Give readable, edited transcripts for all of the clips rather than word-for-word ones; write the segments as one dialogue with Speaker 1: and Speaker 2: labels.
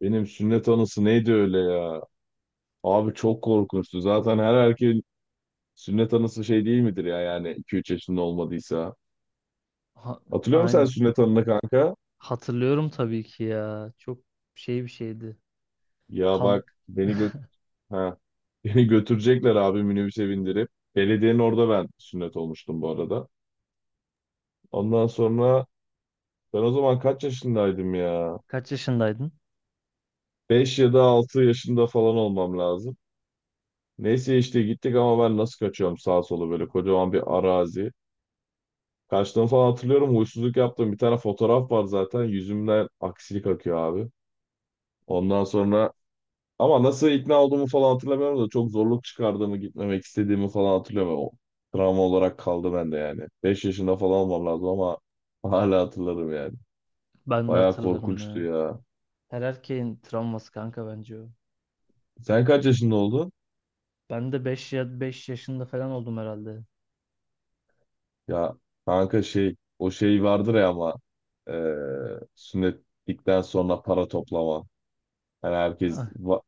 Speaker 1: Benim sünnet anısı neydi öyle ya? Abi çok korkunçtu. Zaten her erkeğin sünnet anısı şey değil midir ya yani 2-3 yaşında olmadıysa.
Speaker 2: Ha-
Speaker 1: Hatırlıyor musun sen
Speaker 2: aynen.
Speaker 1: sünnet anını kanka?
Speaker 2: Hatırlıyorum tabii ki ya. Çok şey bir şeydi.
Speaker 1: Ya
Speaker 2: Kan...
Speaker 1: bak, beni gö ha. Beni götürecekler abi minibüse bindirip. Belediyenin orada ben sünnet olmuştum bu arada. Ondan sonra ben o zaman kaç yaşındaydım ya?
Speaker 2: Kaç yaşındaydın?
Speaker 1: 5 ya da 6 yaşında falan olmam lazım. Neyse işte gittik ama ben nasıl kaçıyorum sağa sola, böyle kocaman bir arazi. Kaçtığımı falan hatırlıyorum. Huysuzluk yaptığım bir tane fotoğraf var zaten. Yüzümden aksilik akıyor abi. Ondan sonra ama nasıl ikna olduğumu falan hatırlamıyorum da çok zorluk çıkardığımı, gitmemek istediğimi falan hatırlıyorum. O travma olarak kaldı bende yani. 5 yaşında falan olmam lazım ama hala hatırlarım yani.
Speaker 2: Ben de
Speaker 1: Bayağı
Speaker 2: hatırlarım
Speaker 1: korkunçtu
Speaker 2: ya.
Speaker 1: ya.
Speaker 2: Her erkeğin travması kanka bence o.
Speaker 1: Sen kaç yaşında oldun?
Speaker 2: Ben de beş yaşında falan oldum herhalde.
Speaker 1: Ya kanka şey o şey vardır ya ama eee sünnetlikten sonra para toplama. Yani
Speaker 2: Ah,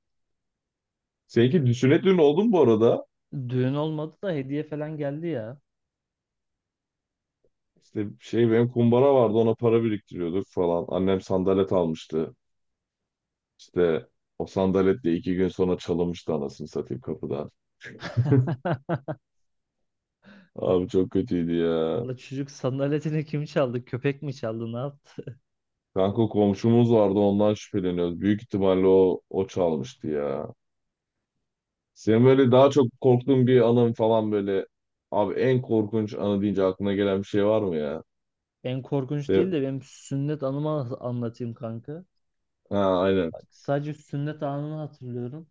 Speaker 1: Seninki sünnet düğünü oldu mu bu arada?
Speaker 2: düğün olmadı da hediye falan geldi ya.
Speaker 1: İşte şey benim kumbara vardı, ona para biriktiriyorduk falan. Annem sandalet almıştı. İşte o sandaletle 2 gün sonra çalınmıştı anasını satayım kapıdan. Abi çok kötüydü ya.
Speaker 2: La çocuk sandaletini kim çaldı? Köpek mi çaldı? Ne yaptı?
Speaker 1: Kanka komşumuz vardı, ondan şüpheleniyoruz. Büyük ihtimalle o, çalmıştı ya. Senin böyle daha çok korktuğun bir anın falan, böyle abi en korkunç anı deyince aklına gelen bir şey var mı ya?
Speaker 2: En korkunç değil
Speaker 1: De,
Speaker 2: de benim sünnet anımı anlatayım kanka.
Speaker 1: ha aynen.
Speaker 2: Bak, sadece sünnet anını hatırlıyorum.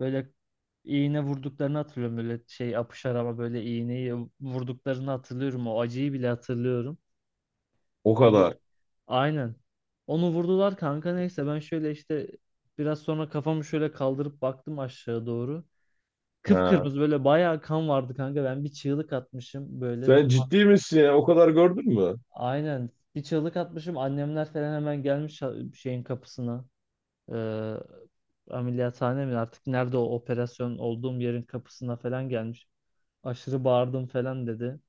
Speaker 2: Böyle iğne vurduklarını hatırlıyorum. Böyle şey apışar ama böyle iğneyi vurduklarını hatırlıyorum. O acıyı bile hatırlıyorum.
Speaker 1: O
Speaker 2: Bir de
Speaker 1: kadar.
Speaker 2: aynen. Onu vurdular kanka, neyse ben şöyle işte biraz sonra kafamı şöyle kaldırıp baktım aşağı doğru.
Speaker 1: Ha.
Speaker 2: Kıpkırmızı böyle bayağı kan vardı kanka. Ben bir çığlık atmışım böyle.
Speaker 1: Sen ciddi misin ya? O kadar gördün mü?
Speaker 2: Aynen bir çığlık atmışım. Annemler falan hemen gelmiş şeyin kapısına. Ee, Ameliyathane mi artık, nerede o operasyon olduğum yerin kapısına falan gelmiş. Aşırı bağırdım falan dedi.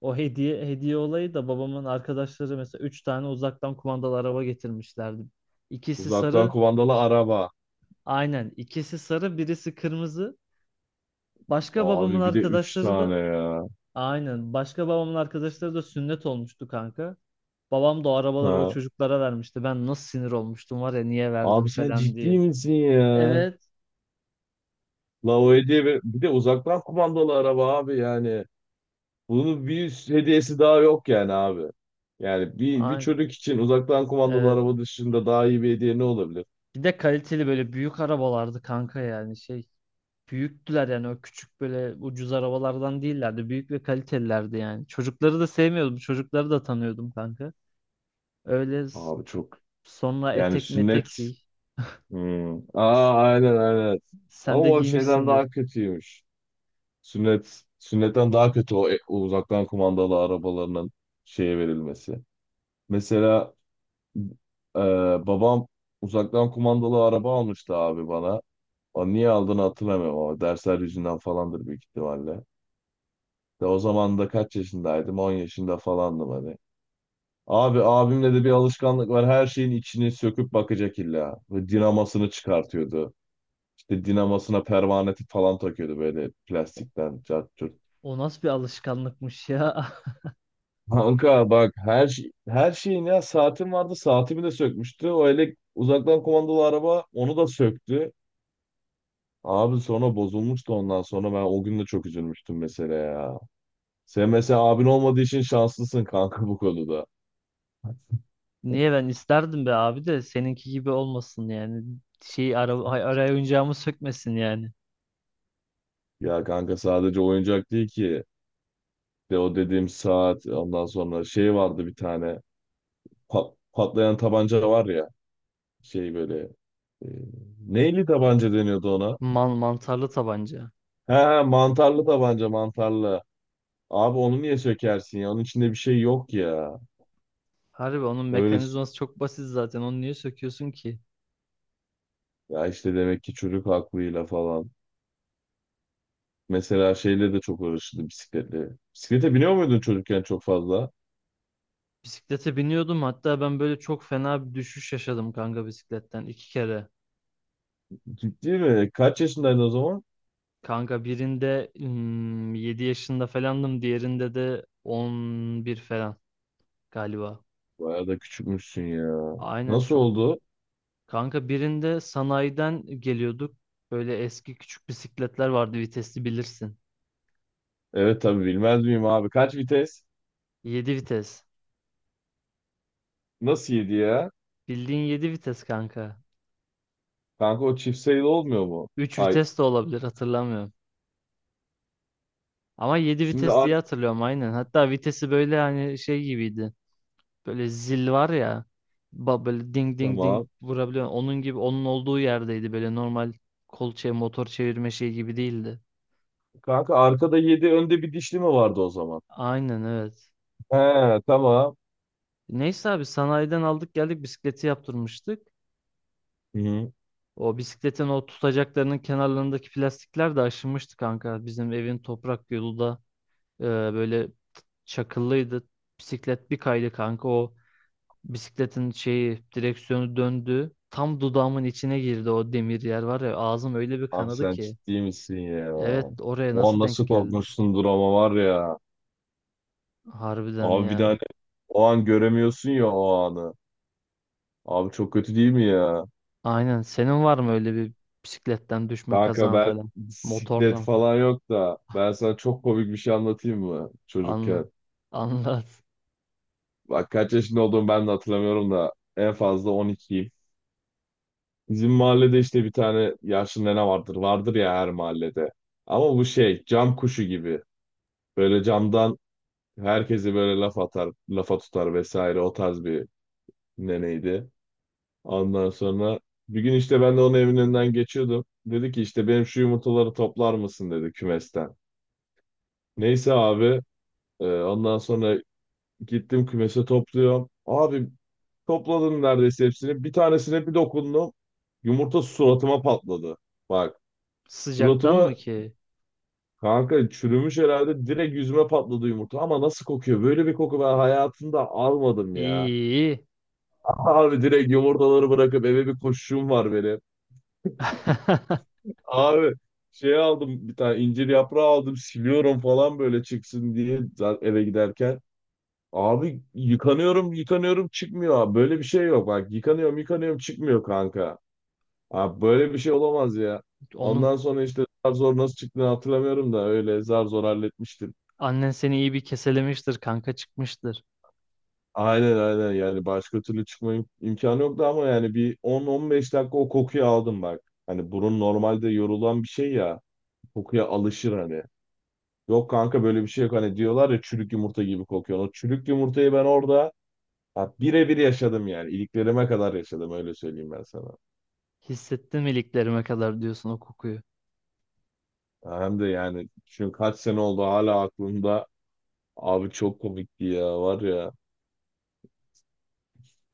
Speaker 2: O hediye hediye olayı da, babamın arkadaşları mesela 3 tane uzaktan kumandalı araba getirmişlerdi. İkisi
Speaker 1: Uzaktan
Speaker 2: sarı,
Speaker 1: kumandalı araba.
Speaker 2: aynen, ikisi sarı, birisi kırmızı. Başka babamın
Speaker 1: Abi bir de üç
Speaker 2: arkadaşları
Speaker 1: tane
Speaker 2: da
Speaker 1: ya.
Speaker 2: aynen başka babamın arkadaşları da sünnet olmuştu kanka. Babam da o arabaları o
Speaker 1: Ha.
Speaker 2: çocuklara vermişti. Ben nasıl sinir olmuştum var ya, niye
Speaker 1: Abi
Speaker 2: verdin
Speaker 1: sen
Speaker 2: falan
Speaker 1: ciddi
Speaker 2: diye.
Speaker 1: misin ya?
Speaker 2: Evet.
Speaker 1: La o hediye bir de uzaktan kumandalı araba abi yani. Bunun bir üst hediyesi daha yok yani abi. Yani bir
Speaker 2: Aynen.
Speaker 1: çocuk için uzaktan kumandalı
Speaker 2: Evet.
Speaker 1: araba dışında daha iyi bir hediye ne olabilir?
Speaker 2: Bir de kaliteli böyle büyük arabalardı kanka, yani şey. Büyüktüler yani, o küçük böyle ucuz arabalardan değillerdi. Büyük ve kalitelilerdi yani. Çocukları da sevmiyordum. Çocukları da tanıyordum kanka. Öyle s-
Speaker 1: Abi çok
Speaker 2: Sonra
Speaker 1: yani
Speaker 2: etek metek
Speaker 1: sünnet.
Speaker 2: giy.
Speaker 1: Hmm. Aa aynen aynen. Ama
Speaker 2: Sen de
Speaker 1: o şeyden
Speaker 2: giymişsindir.
Speaker 1: daha kötüymüş. Sünnetten daha kötü o, o uzaktan kumandalı arabalarının şeye verilmesi. Mesela Ee, babam uzaktan kumandalı araba almıştı abi bana. O niye aldığını hatırlamıyorum ama dersler yüzünden falandır büyük ihtimalle. De o zaman da kaç yaşındaydım? 10 yaşında falandım hani. Abi abimle de bir alışkanlık var. Her şeyin içini söküp bakacak illa. Ve dinamasını çıkartıyordu. İşte dinamasına pervaneti falan takıyordu böyle plastikten cart curt.
Speaker 2: O nasıl bir alışkanlıkmış ya.
Speaker 1: Kanka bak her şeyin, ya saatim vardı, saatimi de sökmüştü. O elek uzaktan kumandalı araba, onu da söktü. Abi sonra bozulmuştu, ondan sonra ben o gün de çok üzülmüştüm mesela ya. Sen mesela abin olmadığı için şanslısın kanka bu konuda.
Speaker 2: Niye, ben isterdim be abi, de seninki gibi olmasın yani. Araya oyuncağımı sökmesin yani.
Speaker 1: Ya kanka sadece oyuncak değil ki. De o dediğim saat, ondan sonra şey vardı, bir tane patlayan tabanca var ya, şey böyle, e, neyli tabanca deniyordu ona?
Speaker 2: Mantarlı tabanca.
Speaker 1: He he mantarlı tabanca, mantarlı. Abi onu niye sökersin ya? Onun içinde bir şey yok ya.
Speaker 2: Harbi onun
Speaker 1: Öyle s-
Speaker 2: mekanizması çok basit zaten. Onu niye söküyorsun ki?
Speaker 1: ya işte demek ki çocuk aklıyla falan. Mesela şeyle de çok uğraşırdı, bisikletle. Bisiklete biniyor muydun çocukken çok fazla?
Speaker 2: Bisiklete biniyordum. Hatta ben böyle çok fena bir düşüş yaşadım kanka, bisikletten 2 kere.
Speaker 1: Ciddi mi? Kaç yaşındaydın o zaman?
Speaker 2: Kanka birinde 7 yaşında falandım. Diğerinde de 11 falan galiba.
Speaker 1: Bayağı da küçükmüşsün ya.
Speaker 2: Aynen,
Speaker 1: Nasıl
Speaker 2: çok.
Speaker 1: oldu?
Speaker 2: Kanka birinde sanayiden geliyorduk. Böyle eski küçük bisikletler vardı, vitesli bilirsin.
Speaker 1: Evet tabii bilmez miyim abi. Kaç vites?
Speaker 2: 7 vites.
Speaker 1: Nasıl yedi ya?
Speaker 2: Bildiğin 7 vites kanka.
Speaker 1: Kanka o çift sayılı olmuyor mu?
Speaker 2: Üç
Speaker 1: Ay
Speaker 2: vites de olabilir, hatırlamıyorum. Ama 7
Speaker 1: şimdi
Speaker 2: vites
Speaker 1: ar
Speaker 2: diye hatırlıyorum aynen. Hatta vitesi böyle hani şey gibiydi. Böyle zil var ya. Böyle ding ding ding
Speaker 1: tamam.
Speaker 2: vurabiliyor. Onun gibi, onun olduğu yerdeydi. Böyle normal kol çev motor çevirme şey gibi değildi.
Speaker 1: Kanka arkada yedi, önde bir dişli mi vardı o zaman?
Speaker 2: Aynen, evet.
Speaker 1: He tamam.
Speaker 2: Neyse abi sanayiden aldık, geldik, bisikleti yaptırmıştık.
Speaker 1: Hı-hı.
Speaker 2: O bisikletin o tutacaklarının kenarlarındaki plastikler de aşınmıştı kanka. Bizim evin toprak yolu da böyle çakıllıydı. Bisiklet bir kaydı kanka, o bisikletin şeyi, direksiyonu döndü. Tam dudağımın içine girdi o demir yer var ya, ağzım öyle bir
Speaker 1: Abi
Speaker 2: kanadı
Speaker 1: sen
Speaker 2: ki.
Speaker 1: ciddi misin ya?
Speaker 2: Evet, oraya
Speaker 1: O an
Speaker 2: nasıl denk
Speaker 1: nasıl
Speaker 2: geldi?
Speaker 1: korkmuşsundur ama var ya.
Speaker 2: Harbiden
Speaker 1: Abi bir
Speaker 2: ya.
Speaker 1: tane, o an göremiyorsun ya o anı. Abi çok kötü değil mi ya?
Speaker 2: Aynen. Senin var mı öyle bir bisikletten düşme
Speaker 1: Kanka
Speaker 2: kazan
Speaker 1: ben
Speaker 2: falan?
Speaker 1: bisiklet
Speaker 2: Motordan falan.
Speaker 1: falan yok da, ben sana çok komik bir şey anlatayım mı
Speaker 2: Anla.
Speaker 1: çocukken?
Speaker 2: Anlat.
Speaker 1: Bak kaç yaşında olduğumu ben de hatırlamıyorum da en fazla 12'yim. Bizim mahallede işte bir tane yaşlı nene vardır. Vardır ya her mahallede. Ama bu şey cam kuşu gibi. Böyle camdan herkesi böyle laf atar, lafa tutar vesaire, o tarz bir neneydi. Ondan sonra bir gün işte ben de onun evinin önünden geçiyordum. Dedi ki işte benim şu yumurtaları toplar mısın dedi kümesten. Neyse abi, ondan sonra gittim kümese, topluyorum. Abi topladım neredeyse hepsini. Bir tanesine bir dokundum. Yumurta suratıma patladı. Bak
Speaker 2: Sıcaktan mı
Speaker 1: suratıma,
Speaker 2: ki?
Speaker 1: kanka çürümüş herhalde, direkt yüzüme patladı yumurta. Ama nasıl kokuyor? Böyle bir koku ben hayatımda almadım
Speaker 2: İyi.
Speaker 1: ya.
Speaker 2: İyi.
Speaker 1: Abi direkt yumurtaları bırakıp eve bir koşuşum var benim. Abi şey aldım, bir tane incir yaprağı aldım, siliyorum falan böyle çıksın diye, zaten eve giderken. Abi yıkanıyorum yıkanıyorum, çıkmıyor abi. Böyle bir şey yok bak. Yıkanıyorum yıkanıyorum çıkmıyor kanka. Abi böyle bir şey olamaz ya.
Speaker 2: Onun
Speaker 1: Ondan sonra işte zar zor nasıl çıktığını hatırlamıyorum da, öyle zar zor halletmiştim.
Speaker 2: annen seni iyi bir keselemiştir kanka, çıkmıştır.
Speaker 1: Aynen aynen, yani başka türlü çıkma imkanı yoktu ama yani bir 10-15 dakika o kokuyu aldım bak. Hani burun normalde yorulan bir şey ya. Kokuya alışır hani. Yok kanka böyle bir şey yok, hani diyorlar ya çürük yumurta gibi kokuyor. O çürük yumurtayı ben orada, ya birebir yaşadım yani. İliklerime kadar yaşadım, öyle söyleyeyim ben sana.
Speaker 2: Hissettin mi, iliklerime kadar diyorsun o kokuyu.
Speaker 1: Ya hem de yani, çünkü kaç sene oldu hala aklımda. Abi çok komikti ya var ya.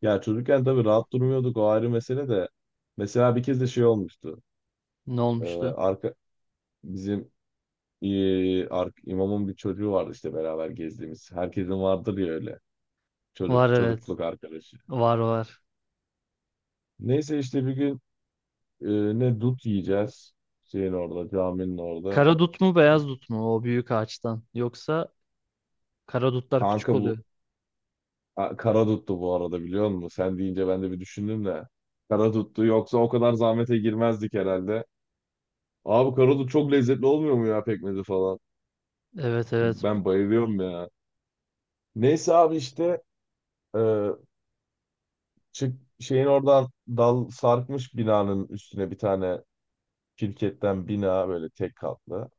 Speaker 1: Ya çocukken tabii rahat durmuyorduk, o ayrı mesele de. Mesela bir kez de şey olmuştu.
Speaker 2: Ne
Speaker 1: Ee,
Speaker 2: olmuştu?
Speaker 1: arka bizim imamın bir çocuğu vardı işte beraber gezdiğimiz. Herkesin vardır ya öyle.
Speaker 2: Var,
Speaker 1: Çocuk,
Speaker 2: evet.
Speaker 1: çocukluk arkadaşı.
Speaker 2: Var, var.
Speaker 1: Neyse işte bir gün, dut yiyeceğiz. Şeyin orada, caminin orada.
Speaker 2: Kara dut mu, beyaz dut mu o büyük ağaçtan? Yoksa kara dutlar küçük
Speaker 1: Kanka
Speaker 2: oluyor.
Speaker 1: bu, ha, Karadut'tu bu arada, biliyor musun? Sen deyince ben de bir düşündüm de. Karadut'tu, yoksa o kadar zahmete girmezdik herhalde. Abi kara dut çok lezzetli olmuyor mu ya, pekmezi falan?
Speaker 2: Evet, evet.
Speaker 1: Ben bayılıyorum ya. Neyse abi işte, e, çık şeyin oradan, dal sarkmış binanın üstüne, bir tane şirketten bina, böyle tek katlı.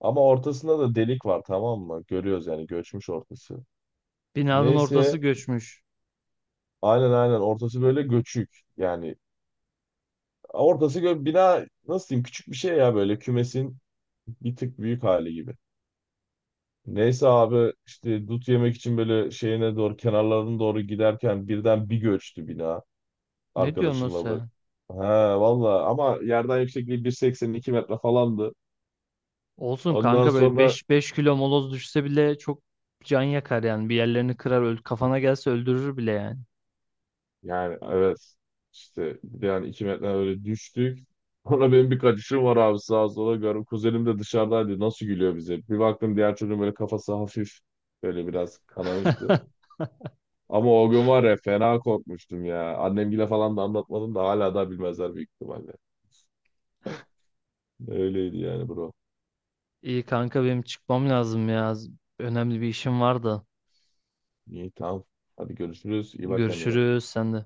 Speaker 1: Ama ortasında da delik var tamam mı? Görüyoruz yani, göçmüş ortası.
Speaker 2: Binanın ortası
Speaker 1: Neyse
Speaker 2: göçmüş.
Speaker 1: aynen aynen, ortası böyle göçük. Yani bina, nasıl diyeyim, küçük bir şey ya, böyle kümesin bir tık büyük hali gibi. Neyse abi işte dut yemek için böyle şeyine doğru, kenarlarına doğru giderken birden bir göçtü bina,
Speaker 2: Ne diyorsun o
Speaker 1: arkadaşımla bu.
Speaker 2: sen?
Speaker 1: He valla, ama yerden yüksekliği 180, 2 metre falandı.
Speaker 2: Olsun
Speaker 1: Ondan
Speaker 2: kanka, böyle
Speaker 1: sonra
Speaker 2: beş kilo moloz düşse bile çok can yakar yani. Bir yerlerini kırar, kafana gelse öldürür bile yani.
Speaker 1: yani evet işte, bir de yani 2 metre öyle düştük. Sonra benim bir kaçışım var abi, sağa sola görüyorum. Kuzenim de dışarıdaydı, nasıl gülüyor bize. Bir baktım diğer çocuğun böyle kafası hafif böyle biraz kanamıştı. Ama o gün var ya fena korkmuştum ya. Annemgile falan da anlatmadım da hala da bilmezler büyük ihtimalle. Öyleydi yani bro.
Speaker 2: İyi kanka, benim çıkmam lazım ya. Önemli bir işim var da.
Speaker 1: İyi tamam. Hadi görüşürüz. İyi bak kendine.
Speaker 2: Görüşürüz, sen de.